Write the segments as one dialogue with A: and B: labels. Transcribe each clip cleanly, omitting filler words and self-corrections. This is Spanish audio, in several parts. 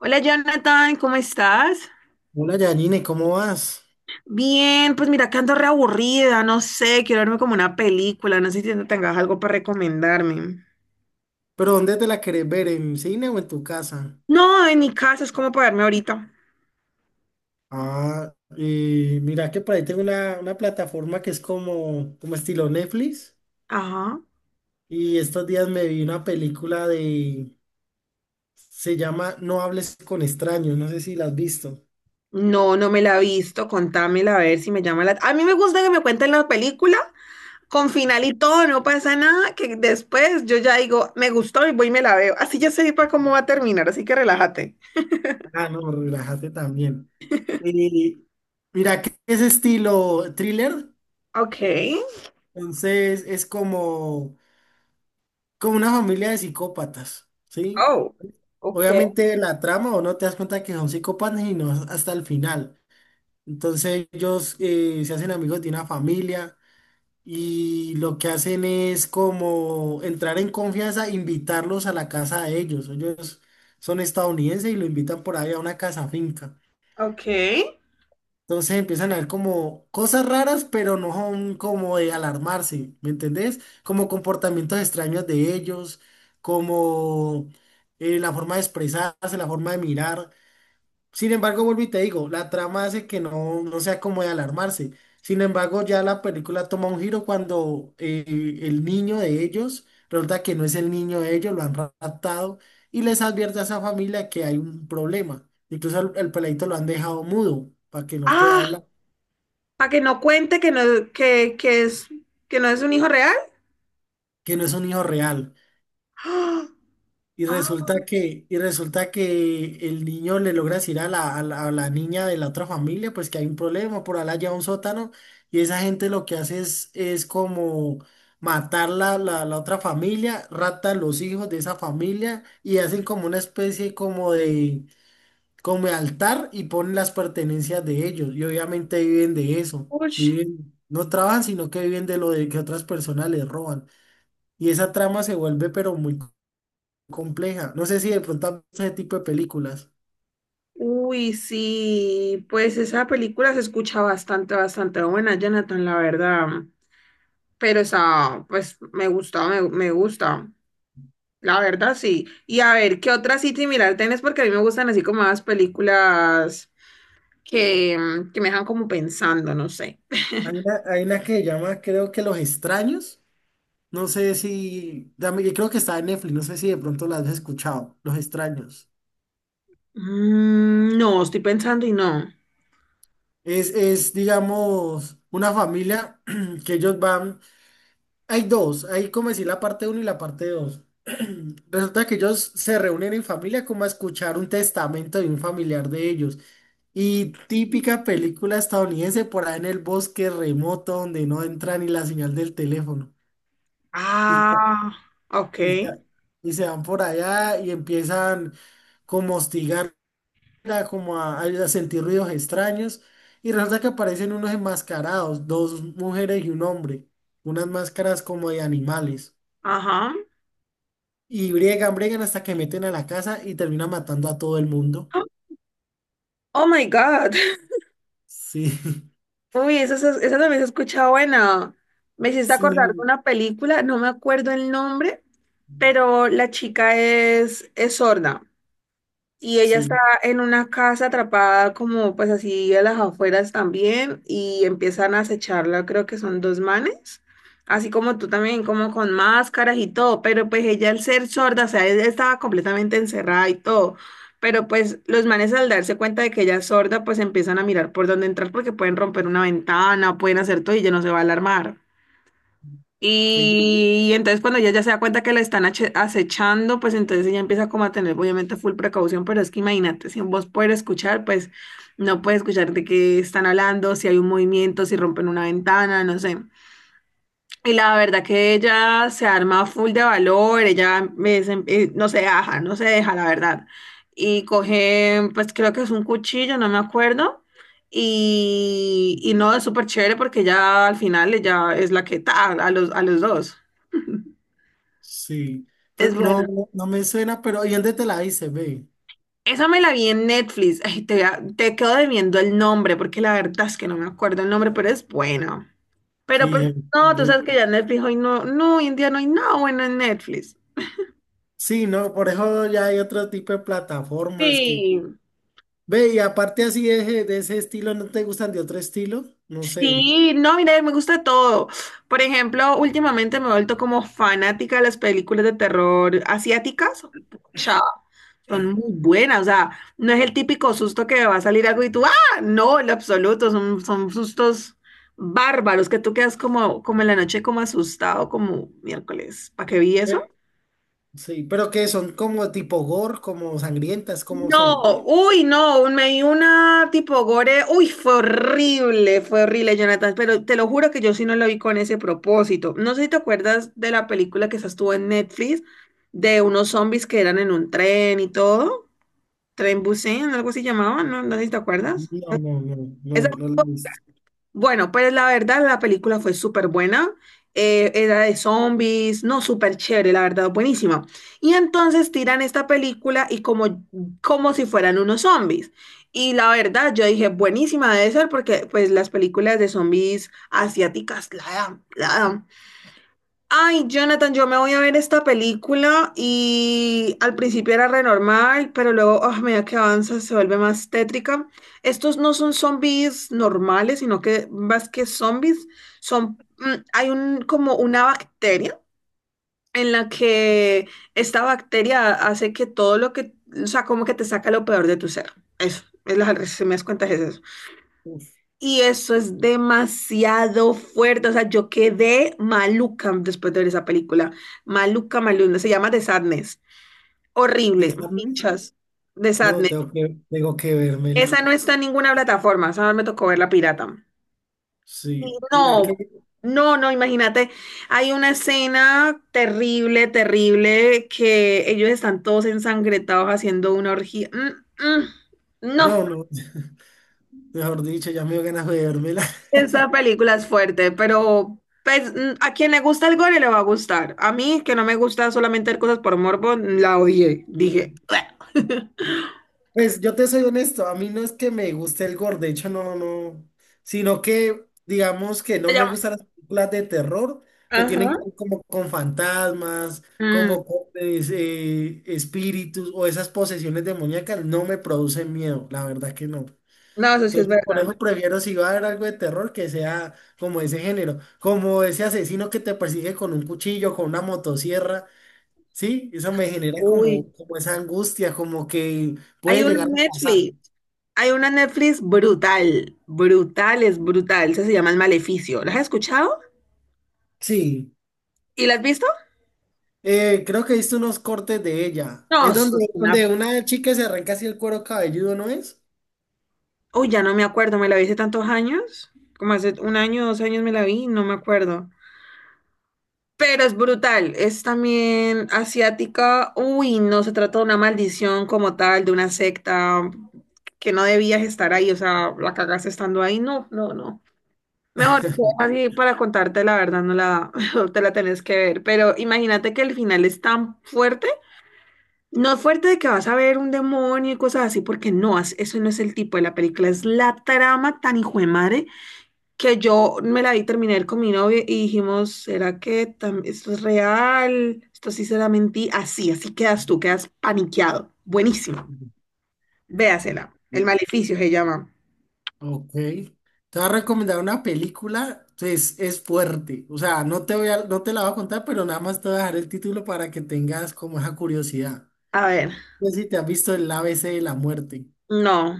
A: Hola Jonathan, ¿cómo estás?
B: Hola Yanine, ¿cómo vas?
A: Bien, pues mira que ando reaburrida, no sé, quiero verme como una película, no sé si tengas algo para recomendarme.
B: ¿Pero dónde te la querés ver? ¿En cine o en tu casa?
A: No, en mi casa es como para verme ahorita.
B: Ah, y mira que por ahí tengo una plataforma que es como, como estilo Netflix.
A: Ajá.
B: Y estos días me vi una película de... Se llama No hables con extraños. No sé si la has visto.
A: No, no me la he visto, contámela a ver si me llama la... A mí me gusta que me cuenten la película con final y todo, no pasa nada, que después yo ya digo, me gustó y voy y me la veo. Así ya sé para cómo va a terminar, así que relájate.
B: Ah, no, relájate también. Y mira que es estilo thriller.
A: Ok.
B: Entonces es como, como una familia de psicópatas, ¿sí?
A: Oh, ok,
B: Obviamente la trama o no te das cuenta que son psicópatas y no hasta el final. Entonces ellos se hacen amigos de una familia y lo que hacen es como entrar en confianza, invitarlos a la casa de ellos. Ellos son estadounidenses y lo invitan por ahí a una casa finca.
A: ok.
B: Entonces empiezan a ver como cosas raras, pero no son como de alarmarse, ¿me entendés? Como comportamientos extraños de ellos, como la forma de expresarse, la forma de mirar. Sin embargo, vuelvo y te digo, la trama hace que no sea como de alarmarse. Sin embargo, ya la película toma un giro cuando el niño de ellos, resulta que no es el niño de ellos, lo han raptado y les advierte a esa familia que hay un problema. Incluso el peladito lo han dejado mudo para que no pueda
A: Ah,
B: hablar,
A: para que no cuente que no, que es, que no es un hijo real.
B: que no es un hijo real. Y
A: ¡Ah!
B: resulta que, y resulta que el niño le logra decir a la niña de la otra familia, pues que hay un problema, por allá lleva un sótano, y esa gente lo que hace es como matar la otra familia, raptan los hijos de esa familia y hacen como una especie como de altar y ponen las pertenencias de ellos, y obviamente viven de eso,
A: ¡Auch!
B: viven, no trabajan, sino que viven de lo de que otras personas les roban. Y esa trama se vuelve pero muy compleja. No sé si de pronto han visto ese tipo de películas.
A: Uy, sí, pues esa película se escucha bastante, bastante buena, Jonathan, la verdad. Pero esa, pues me gusta, me gusta. La verdad, sí. Y a ver, ¿qué otra así similar tenés? Porque a mí me gustan así como más películas que, que me dejan como pensando, no sé.
B: Hay una que se llama, creo que Los Extraños. No sé si, creo que está en Netflix, no sé si de pronto la has escuchado, Los Extraños.
A: Mm, no, estoy pensando y no.
B: Es, digamos, una familia que ellos van, hay dos, hay como decir la parte uno y la parte dos. Resulta que ellos se reúnen en familia como a escuchar un testamento de un familiar de ellos. Y típica película estadounidense por ahí en el bosque remoto donde no entra ni la señal del teléfono. Y,
A: Ah,
B: y se
A: ok.
B: y se van por allá y empiezan como a hostigar, a a sentir ruidos extraños. Y resulta que aparecen unos enmascarados, dos mujeres y un hombre, unas máscaras como de animales.
A: Ajá.
B: Y briegan, briegan hasta que meten a la casa y terminan matando a todo el mundo.
A: Oh my God.
B: Sí,
A: Uy, esa también se escucha buena. Me hiciste
B: sí,
A: acordar de una película, no me acuerdo el nombre, pero la chica es sorda. Y ella está
B: sí,
A: en una casa atrapada como pues así a las afueras también y empiezan a acecharla, creo que son dos manes, así como tú también, como con máscaras y todo, pero pues ella al ser sorda, o sea, ella estaba completamente encerrada y todo, pero pues los manes al darse cuenta de que ella es sorda, pues empiezan a mirar por dónde entrar porque pueden romper una ventana, pueden hacer todo y ella no se va a alarmar.
B: sí.
A: Y entonces cuando ella ya se da cuenta que la están acechando, pues entonces ella empieza como a tener obviamente full precaución, pero es que imagínate, si vos puedes escuchar, pues no puedes escuchar de qué están hablando, si hay un movimiento, si rompen una ventana, no sé. Y la verdad que ella se arma full de valor, ella me dicen, no se deja, no se deja, la verdad. Y coge, pues creo que es un cuchillo, no me acuerdo. Y no, es súper chévere porque ya al final ella es la que ta a los dos.
B: Sí, pero
A: Es bueno.
B: no, no me suena, pero ¿y dónde te la hice, ve?
A: Esa me la vi en Netflix. Ay, te quedo debiendo el nombre porque la verdad es que no me acuerdo el nombre, pero es buena. Pero
B: Sí,
A: pues
B: en-
A: no, tú
B: güey.
A: sabes que ya Netflix hoy hoy en día no hay nada bueno en Netflix.
B: Sí, no, por eso ya hay otro tipo de plataformas que...
A: Sí.
B: Ve, y aparte así de ese estilo, ¿no te gustan de otro estilo? No sé.
A: Sí, no, mira, me gusta todo. Por ejemplo, últimamente me he vuelto como fanática de las películas de terror asiáticas. Chao, son muy buenas. O sea, no es el típico susto que va a salir algo y tú, ah, no, en lo absoluto. Son, son sustos bárbaros que tú quedas como, como en la noche, como asustado, como miércoles. ¿Para qué vi eso?
B: Eh, Sí, pero que son como tipo gore, como sangrientas, ¿cómo
A: No,
B: son?
A: uy, no, me di una tipo gore, uy, fue horrible, Jonathan, pero te lo juro que yo sí no lo vi con ese propósito. No sé si te acuerdas de la película que esa estuvo en Netflix, de unos zombies que eran en un tren y todo, Tren Busan, algo así llamaban, ¿no? No sé si te acuerdas.
B: No, no, no,
A: Esa
B: no, no la he visto.
A: bueno, pues la verdad la película fue súper buena. Era de zombies, no, súper chévere, la verdad, buenísima. Y entonces tiran esta película y como si fueran unos zombies. Y la verdad, yo dije, buenísima debe ser porque pues las películas de zombies asiáticas la dan, la dan. Ay, Jonathan, yo me voy a ver esta película y al principio era re normal, pero luego, ah, a medida que avanza, se vuelve más tétrica. Estos no son zombies normales, sino que más que zombies, son, hay como una bacteria en la que esta bacteria hace que todo lo que, o sea, como que te saca lo peor de tu ser. Eso, es la, si me das cuenta, es eso.
B: Uf,
A: Y eso es demasiado fuerte. O sea, yo quedé maluca después de ver esa película. Maluca, maluca. Se llama The Sadness.
B: ¿De
A: Horrible.
B: Sadness?
A: Muchas. The
B: No,
A: Sadness.
B: tengo que
A: Esa
B: vérmela.
A: no está en ninguna plataforma. Esa me tocó ver la pirata. Y
B: Sí, mira
A: no,
B: que...
A: no, no, imagínate. Hay una escena terrible, terrible, que ellos están todos ensangrentados haciendo una orgía. Mm, mm, no.
B: No, no, mejor dicho, ya me dio ganas de vérmela.
A: Esa película es fuerte, pero pues, a quien le gusta el gore le va a gustar. A mí, que no me gusta solamente ver cosas por morbo, la odié. Dije, "Bleh",
B: Pues yo te soy honesto, a mí no es que me guste el gore, de hecho no, sino que digamos que no
A: se
B: me gustan
A: llama.
B: las películas de terror que tienen
A: Ajá.
B: que ver como con fantasmas,
A: Mm,
B: como con espíritus o esas posesiones demoníacas, no me producen miedo, la verdad que no.
A: no, eso sí es
B: Entonces por
A: verdad.
B: eso prefiero si va a haber algo de terror que sea como ese género, como ese asesino que te persigue con un cuchillo, con una motosierra. Sí, eso me genera como,
A: Uy,
B: como esa angustia, como que
A: hay
B: puede
A: una
B: llegar a pasar.
A: Netflix, hay una Netflix brutal, brutal, es brutal. Esa se llama El Maleficio. ¿La has escuchado?
B: Sí,
A: ¿Y la has visto?
B: creo que he visto unos cortes de ella.
A: No,
B: Es
A: eso es
B: donde,
A: una...
B: donde una chica se arranca así el cuero cabelludo, ¿no es?
A: Uy, ya no me acuerdo, me la vi hace tantos años, como hace un año, dos años me la vi, no me acuerdo. Pero es brutal, es también asiática. Uy, no se trata de una maldición como tal, de una secta, que no debías estar ahí, o sea, la cagaste estando ahí. No, no, no. Mejor lo dejo así para contarte la verdad, no la te la tenés que ver. Pero imagínate que el final es tan fuerte, no es fuerte de que vas a ver un demonio y cosas así, porque no, eso no es el tipo de la película, es la trama tan hijo de madre que yo me la vi, terminé de ver con mi novio y dijimos, ¿será que esto es real? ¿Esto sí será mentira? Así, así quedas tú, quedas paniqueado. Buenísimo. Véasela. El maleficio se llama.
B: Ok. Te voy a recomendar una película, pues es fuerte. O sea, no te la voy a contar, pero nada más te voy a dejar el título para que tengas como esa curiosidad.
A: A ver,
B: No sé si te has visto el ABC de la muerte.
A: no.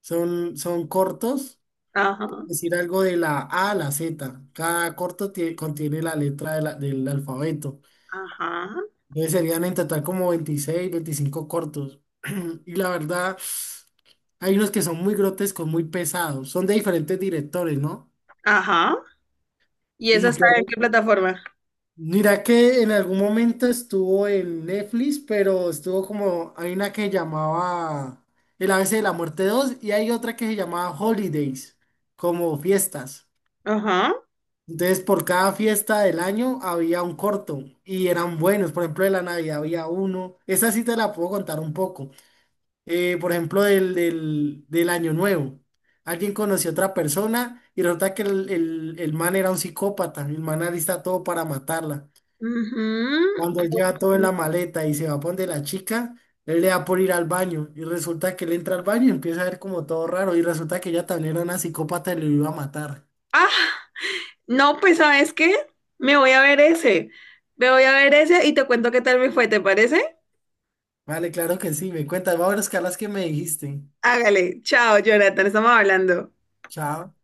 B: Son, son cortos,
A: Ajá,
B: decir algo de la A a la Z. Cada corto contiene la letra de del alfabeto.
A: ajá,
B: Entonces serían en total como 26, 25 cortos. Y la verdad, hay unos que son muy grotescos, muy pesados. Son de diferentes directores, ¿no?
A: ajá. ¿Y esa
B: Y
A: está en
B: te-
A: qué plataforma?
B: mira que en algún momento estuvo en Netflix, pero estuvo como, hay una que llamaba El ABC de la Muerte 2 y hay otra que se llamaba Holidays, como fiestas.
A: Ajá.
B: Entonces, por cada fiesta del año había un corto y eran buenos. Por ejemplo, de la Navidad había uno. Esa sí te la puedo contar un poco. Por ejemplo, del Año Nuevo. Alguien conoció a otra persona y resulta que el man era un psicópata. El man alista todo para matarla.
A: Ujú.
B: Cuando lleva todo en la maleta y se va a donde la chica, él le da por ir al baño. Y resulta que él entra al baño y empieza a ver como todo raro. Y resulta que ella también era una psicópata y lo iba a matar.
A: Ah, no, pues ¿sabes qué? Me voy a ver ese. Me voy a ver ese y te cuento qué tal me fue, ¿te parece?
B: Vale, claro que sí, me cuentas. Voy a que me dijiste.
A: Hágale. Chao, Jonathan, estamos hablando.
B: Chao.